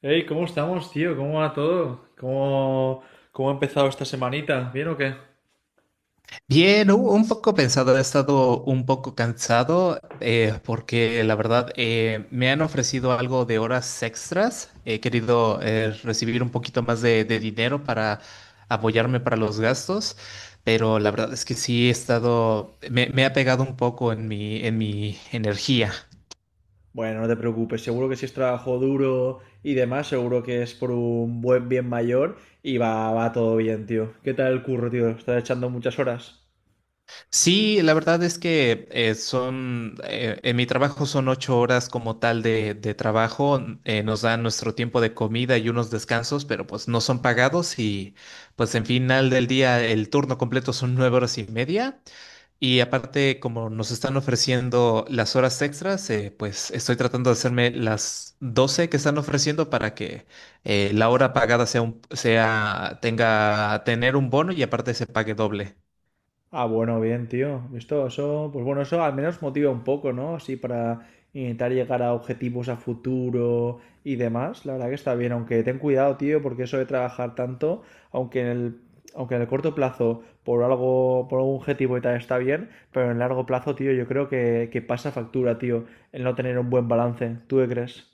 Hey, ¿cómo estamos, tío? ¿Cómo va todo? ¿Cómo ha empezado esta semanita? ¿Bien o qué? Bien, un poco pensado, he estado un poco cansado porque la verdad me han ofrecido algo de horas extras. He querido recibir un poquito más de dinero para apoyarme para los gastos, pero la verdad es que sí he estado, me ha pegado un poco en mi energía. Bueno, no te preocupes, seguro que si es trabajo duro y demás, seguro que es por un buen bien mayor y va todo bien, tío. ¿Qué tal el curro, tío? ¿Estás echando muchas horas? Sí, la verdad es que en mi trabajo son 8 horas como tal de trabajo, nos dan nuestro tiempo de comida y unos descansos, pero pues no son pagados y pues en final del día el turno completo son 9 horas y media y aparte como nos están ofreciendo las horas extras, pues estoy tratando de hacerme las 12 que están ofreciendo para que la hora pagada sea tener un bono y aparte se pague doble. Ah, bueno, bien, tío. Esto, eso, pues bueno, eso al menos motiva un poco, ¿no? Así para intentar llegar a objetivos a futuro y demás. La verdad que está bien, aunque ten cuidado, tío, porque eso de trabajar tanto, aunque en el, aunque en el corto plazo por algo, por algún objetivo y tal está bien, pero en el largo plazo, tío, yo creo que pasa factura, tío, el no tener un buen balance. ¿Tú qué crees?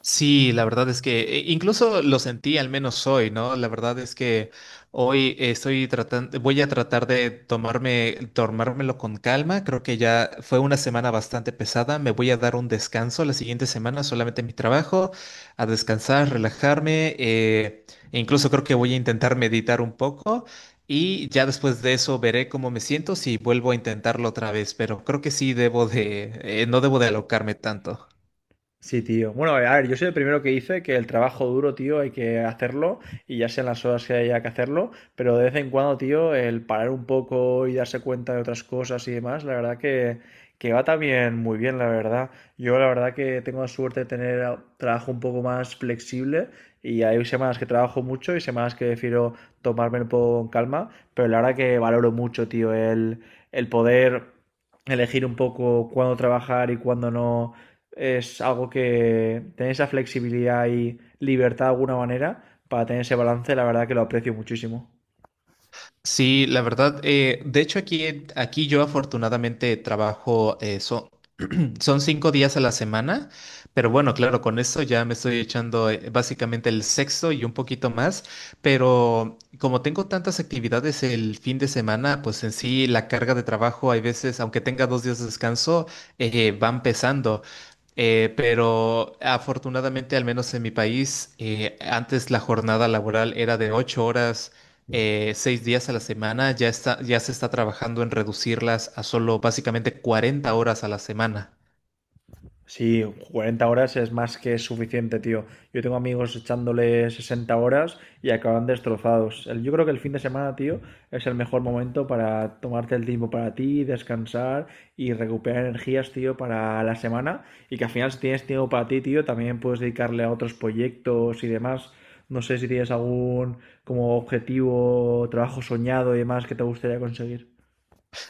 Sí, la verdad es que incluso lo sentí al menos hoy, ¿no? La verdad es que hoy voy a tratar de tomármelo con calma. Creo que ya fue una semana bastante pesada. Me voy a dar un descanso la siguiente semana, solamente mi trabajo, a descansar, relajarme. E incluso creo que voy a intentar meditar un poco y ya después de eso veré cómo me siento si vuelvo a intentarlo otra vez. Pero creo que sí debo de, no debo de alocarme tanto. Sí, tío. Bueno, a ver, yo soy el primero que dice que el trabajo duro, tío, hay que hacerlo y ya sean las horas que haya que hacerlo, pero de vez en cuando, tío, el parar un poco y darse cuenta de otras cosas y demás, la verdad que va también muy bien, la verdad. Yo la verdad que tengo la suerte de trabajo un poco más flexible y hay semanas que trabajo mucho y semanas que prefiero tomarme un poco con calma, pero la verdad que valoro mucho, tío, el poder elegir un poco cuándo trabajar y cuándo no es algo que tener esa flexibilidad y libertad de alguna manera para tener ese balance, la verdad que lo aprecio muchísimo. Sí, la verdad, de hecho aquí yo afortunadamente trabajo eso. Son 5 días a la semana, pero bueno, claro, con eso ya me estoy echando básicamente el sexto y un poquito más, pero como tengo tantas actividades el fin de semana, pues en sí la carga de trabajo hay veces, aunque tenga 2 días de descanso, van pesando. Pero afortunadamente, al menos en mi país, antes la jornada laboral era de 8 horas, 6 días a la semana, ya está, ya se está trabajando en reducirlas a solo básicamente 40 horas a la semana. Sí, 40 horas es más que suficiente, tío. Yo tengo amigos echándole 60 horas y acaban destrozados. Yo creo que el fin de semana, tío, es el mejor momento para tomarte el tiempo para ti, descansar y recuperar energías, tío, para la semana. Y que al final, si tienes tiempo para ti, tío, también puedes dedicarle a otros proyectos y demás. No sé si tienes algún como objetivo, trabajo soñado y demás que te gustaría conseguir.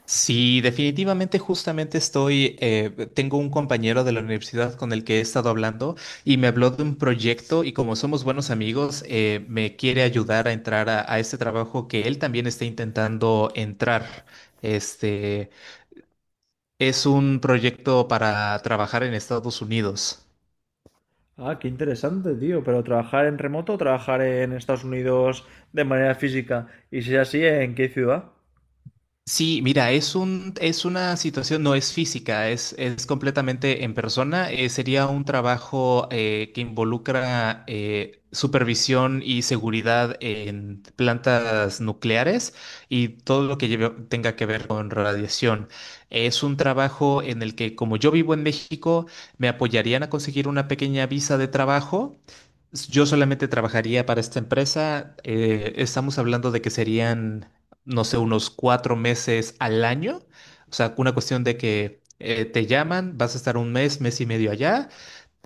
Sí, definitivamente, justamente tengo un compañero de la universidad con el que he estado hablando y me habló de un proyecto y como somos buenos amigos, me quiere ayudar a entrar a este trabajo que él también está intentando entrar. Este es un proyecto para trabajar en Estados Unidos. Ah, qué interesante, tío. ¿Pero trabajar en remoto, o trabajar en Estados Unidos de manera física? Y si es así, ¿en qué ciudad? Sí, mira, es una situación, no es física, es completamente en persona. Sería un trabajo que involucra supervisión y seguridad en plantas nucleares y todo lo que tenga que ver con radiación. Es un trabajo en el que, como yo vivo en México, me apoyarían a conseguir una pequeña visa de trabajo. Yo solamente trabajaría para esta empresa. Estamos hablando de que serían no sé, unos 4 meses al año. O sea, una cuestión de que te llaman, vas a estar un mes, mes y medio allá,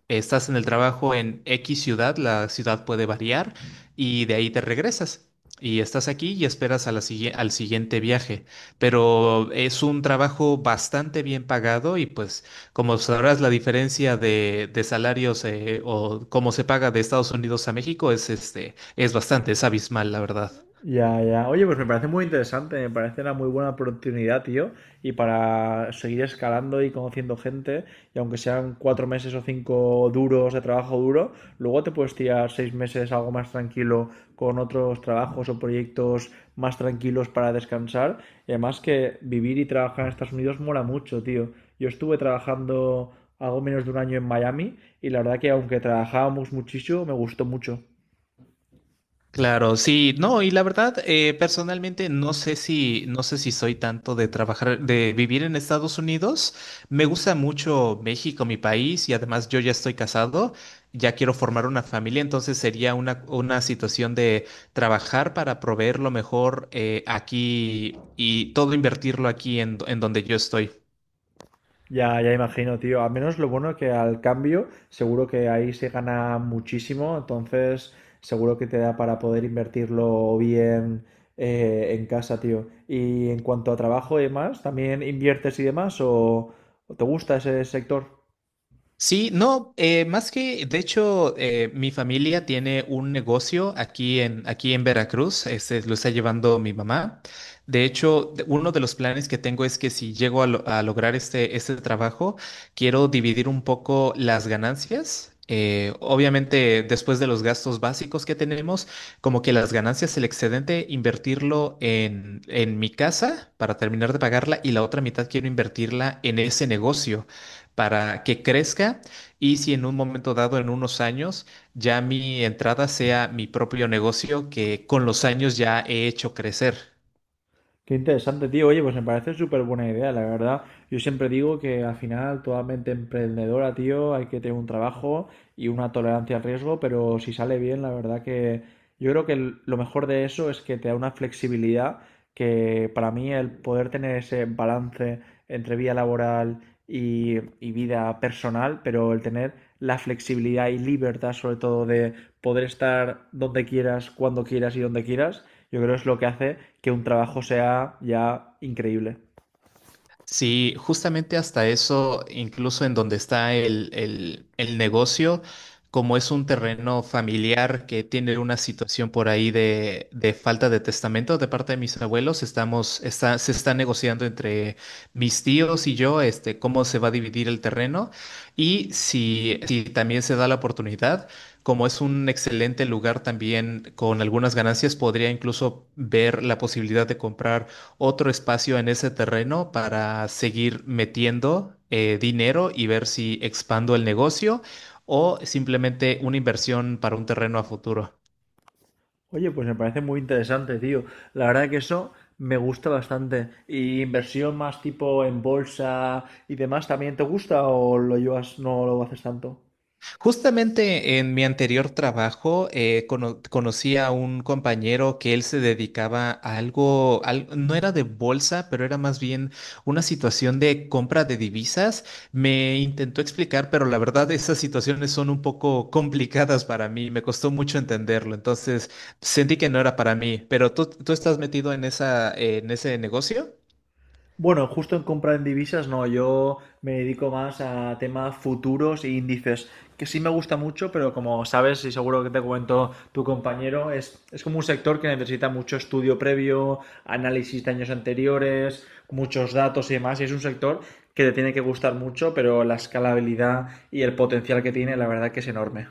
estás en el trabajo en X ciudad, la ciudad puede variar, y de ahí te regresas. Y estás aquí y esperas a la al siguiente viaje. Pero es un trabajo bastante bien pagado y pues como sabrás la diferencia de salarios o cómo se paga de Estados Unidos a México es, este, es bastante, es abismal, la verdad. Ya, ya. Oye, pues me parece muy interesante, me parece una muy buena oportunidad, tío, y para seguir escalando y conociendo gente, y aunque sean 4 meses o cinco duros de trabajo duro, luego te puedes tirar 6 meses algo más tranquilo con otros trabajos o proyectos más tranquilos para descansar. Y además que vivir y trabajar en Estados Unidos mola mucho, tío. Yo estuve trabajando algo menos de un año en Miami y la verdad que aunque trabajábamos muchísimo, me gustó mucho. Claro, sí, no, y la verdad, personalmente no sé si soy tanto de trabajar, de vivir en Estados Unidos. Me gusta mucho México, mi país, y además yo ya estoy casado, ya quiero formar una familia, entonces sería una situación de trabajar para proveer lo mejor aquí y todo invertirlo aquí en donde yo estoy. Ya, ya imagino, tío. Al menos lo bueno que al cambio, seguro que ahí se gana muchísimo, entonces seguro que te da para poder invertirlo bien en casa, tío. Y en cuanto a trabajo y demás, ¿también inviertes y demás o te gusta ese sector? Sí, no, de hecho, mi familia tiene un negocio aquí en Veracruz, este, lo está llevando mi mamá. De hecho, uno de los planes que tengo es que si llego a lograr este trabajo, quiero dividir un poco las ganancias. Obviamente, después de los gastos básicos que tenemos, como que las ganancias, el excedente, invertirlo en mi casa para terminar de pagarla y la otra mitad quiero invertirla en ese negocio para que crezca y si en un momento dado, en unos años, ya mi entrada sea mi propio negocio que con los años ya he hecho crecer. Qué interesante, tío. Oye, pues me parece súper buena idea, la verdad. Yo siempre digo que al final toda mente emprendedora, tío, hay que tener un trabajo y una tolerancia al riesgo, pero si sale bien, la verdad que yo creo que lo mejor de eso es que te da una flexibilidad que para mí el poder tener ese balance entre vida laboral y vida personal, pero el tener la flexibilidad y libertad sobre todo de poder estar donde quieras, cuando quieras y donde quieras yo creo que es lo que hace que un trabajo sea ya increíble. Sí, justamente hasta eso, incluso en donde está el negocio, como es un terreno familiar que tiene una situación por ahí de falta de testamento de parte de mis abuelos, se está negociando entre mis tíos y yo, este, cómo se va a dividir el terreno y si también se da la oportunidad. Como es un excelente lugar también con algunas ganancias, podría incluso ver la posibilidad de comprar otro espacio en ese terreno para seguir metiendo dinero y ver si expando el negocio o simplemente una inversión para un terreno a futuro. Oye, pues me parece muy interesante, tío. La verdad que eso me gusta bastante. ¿Y inversión más tipo en bolsa y demás también te gusta o lo llevas, no lo haces tanto? Justamente en mi anterior trabajo conocí a un compañero que él se dedicaba a algo, no era de bolsa, pero era más bien una situación de compra de divisas. Me intentó explicar, pero la verdad esas situaciones son un poco complicadas para mí, me costó mucho entenderlo, entonces sentí que no era para mí. ¿Pero tú estás metido en ese negocio? Bueno, justo en compra en divisas no, yo me dedico más a temas futuros e índices, que sí me gusta mucho, pero como sabes y seguro que te comentó tu compañero, es como un sector que necesita mucho estudio previo, análisis de años anteriores, muchos datos y demás, y es un sector que te tiene que gustar mucho, pero la escalabilidad y el potencial que tiene, la verdad que es enorme.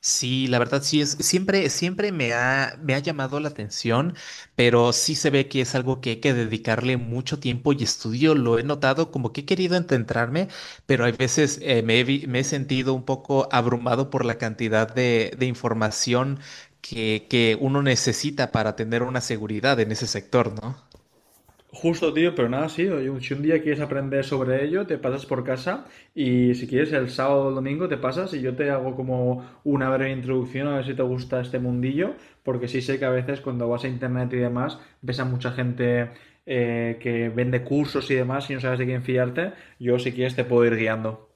Sí, la verdad sí siempre me ha llamado la atención, pero sí se ve que es algo que hay que dedicarle mucho tiempo y estudio. Lo he notado como que he querido ententrarme, pero hay veces me he sentido un poco abrumado por la cantidad de información que uno necesita para tener una seguridad en ese sector, ¿no? Justo, tío, pero nada, sí. Oye, si un día quieres aprender sobre ello, te pasas por casa y si quieres el sábado o el domingo te pasas y yo te hago como una breve introducción a ver si te gusta este mundillo, porque sí sé que a veces cuando vas a internet y demás ves a mucha gente que vende cursos y demás y no sabes de quién fiarte. Yo si quieres te puedo ir guiando.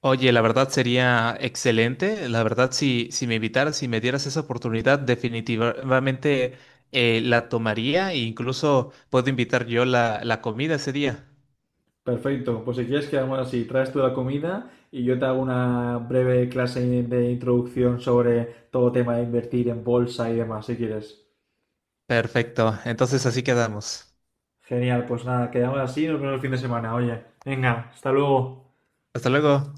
Oye, la verdad sería excelente. La verdad, si me invitaras, si me dieras esa oportunidad, definitivamente la tomaría e incluso puedo invitar yo la comida ese día. Perfecto, pues si quieres quedamos así, traes tú la comida y yo te hago una breve clase de introducción sobre todo tema de invertir en bolsa y demás, si quieres. Perfecto. Entonces así quedamos. Genial, pues nada, quedamos así, nos vemos el fin de semana. Oye, venga, hasta luego. Hasta luego.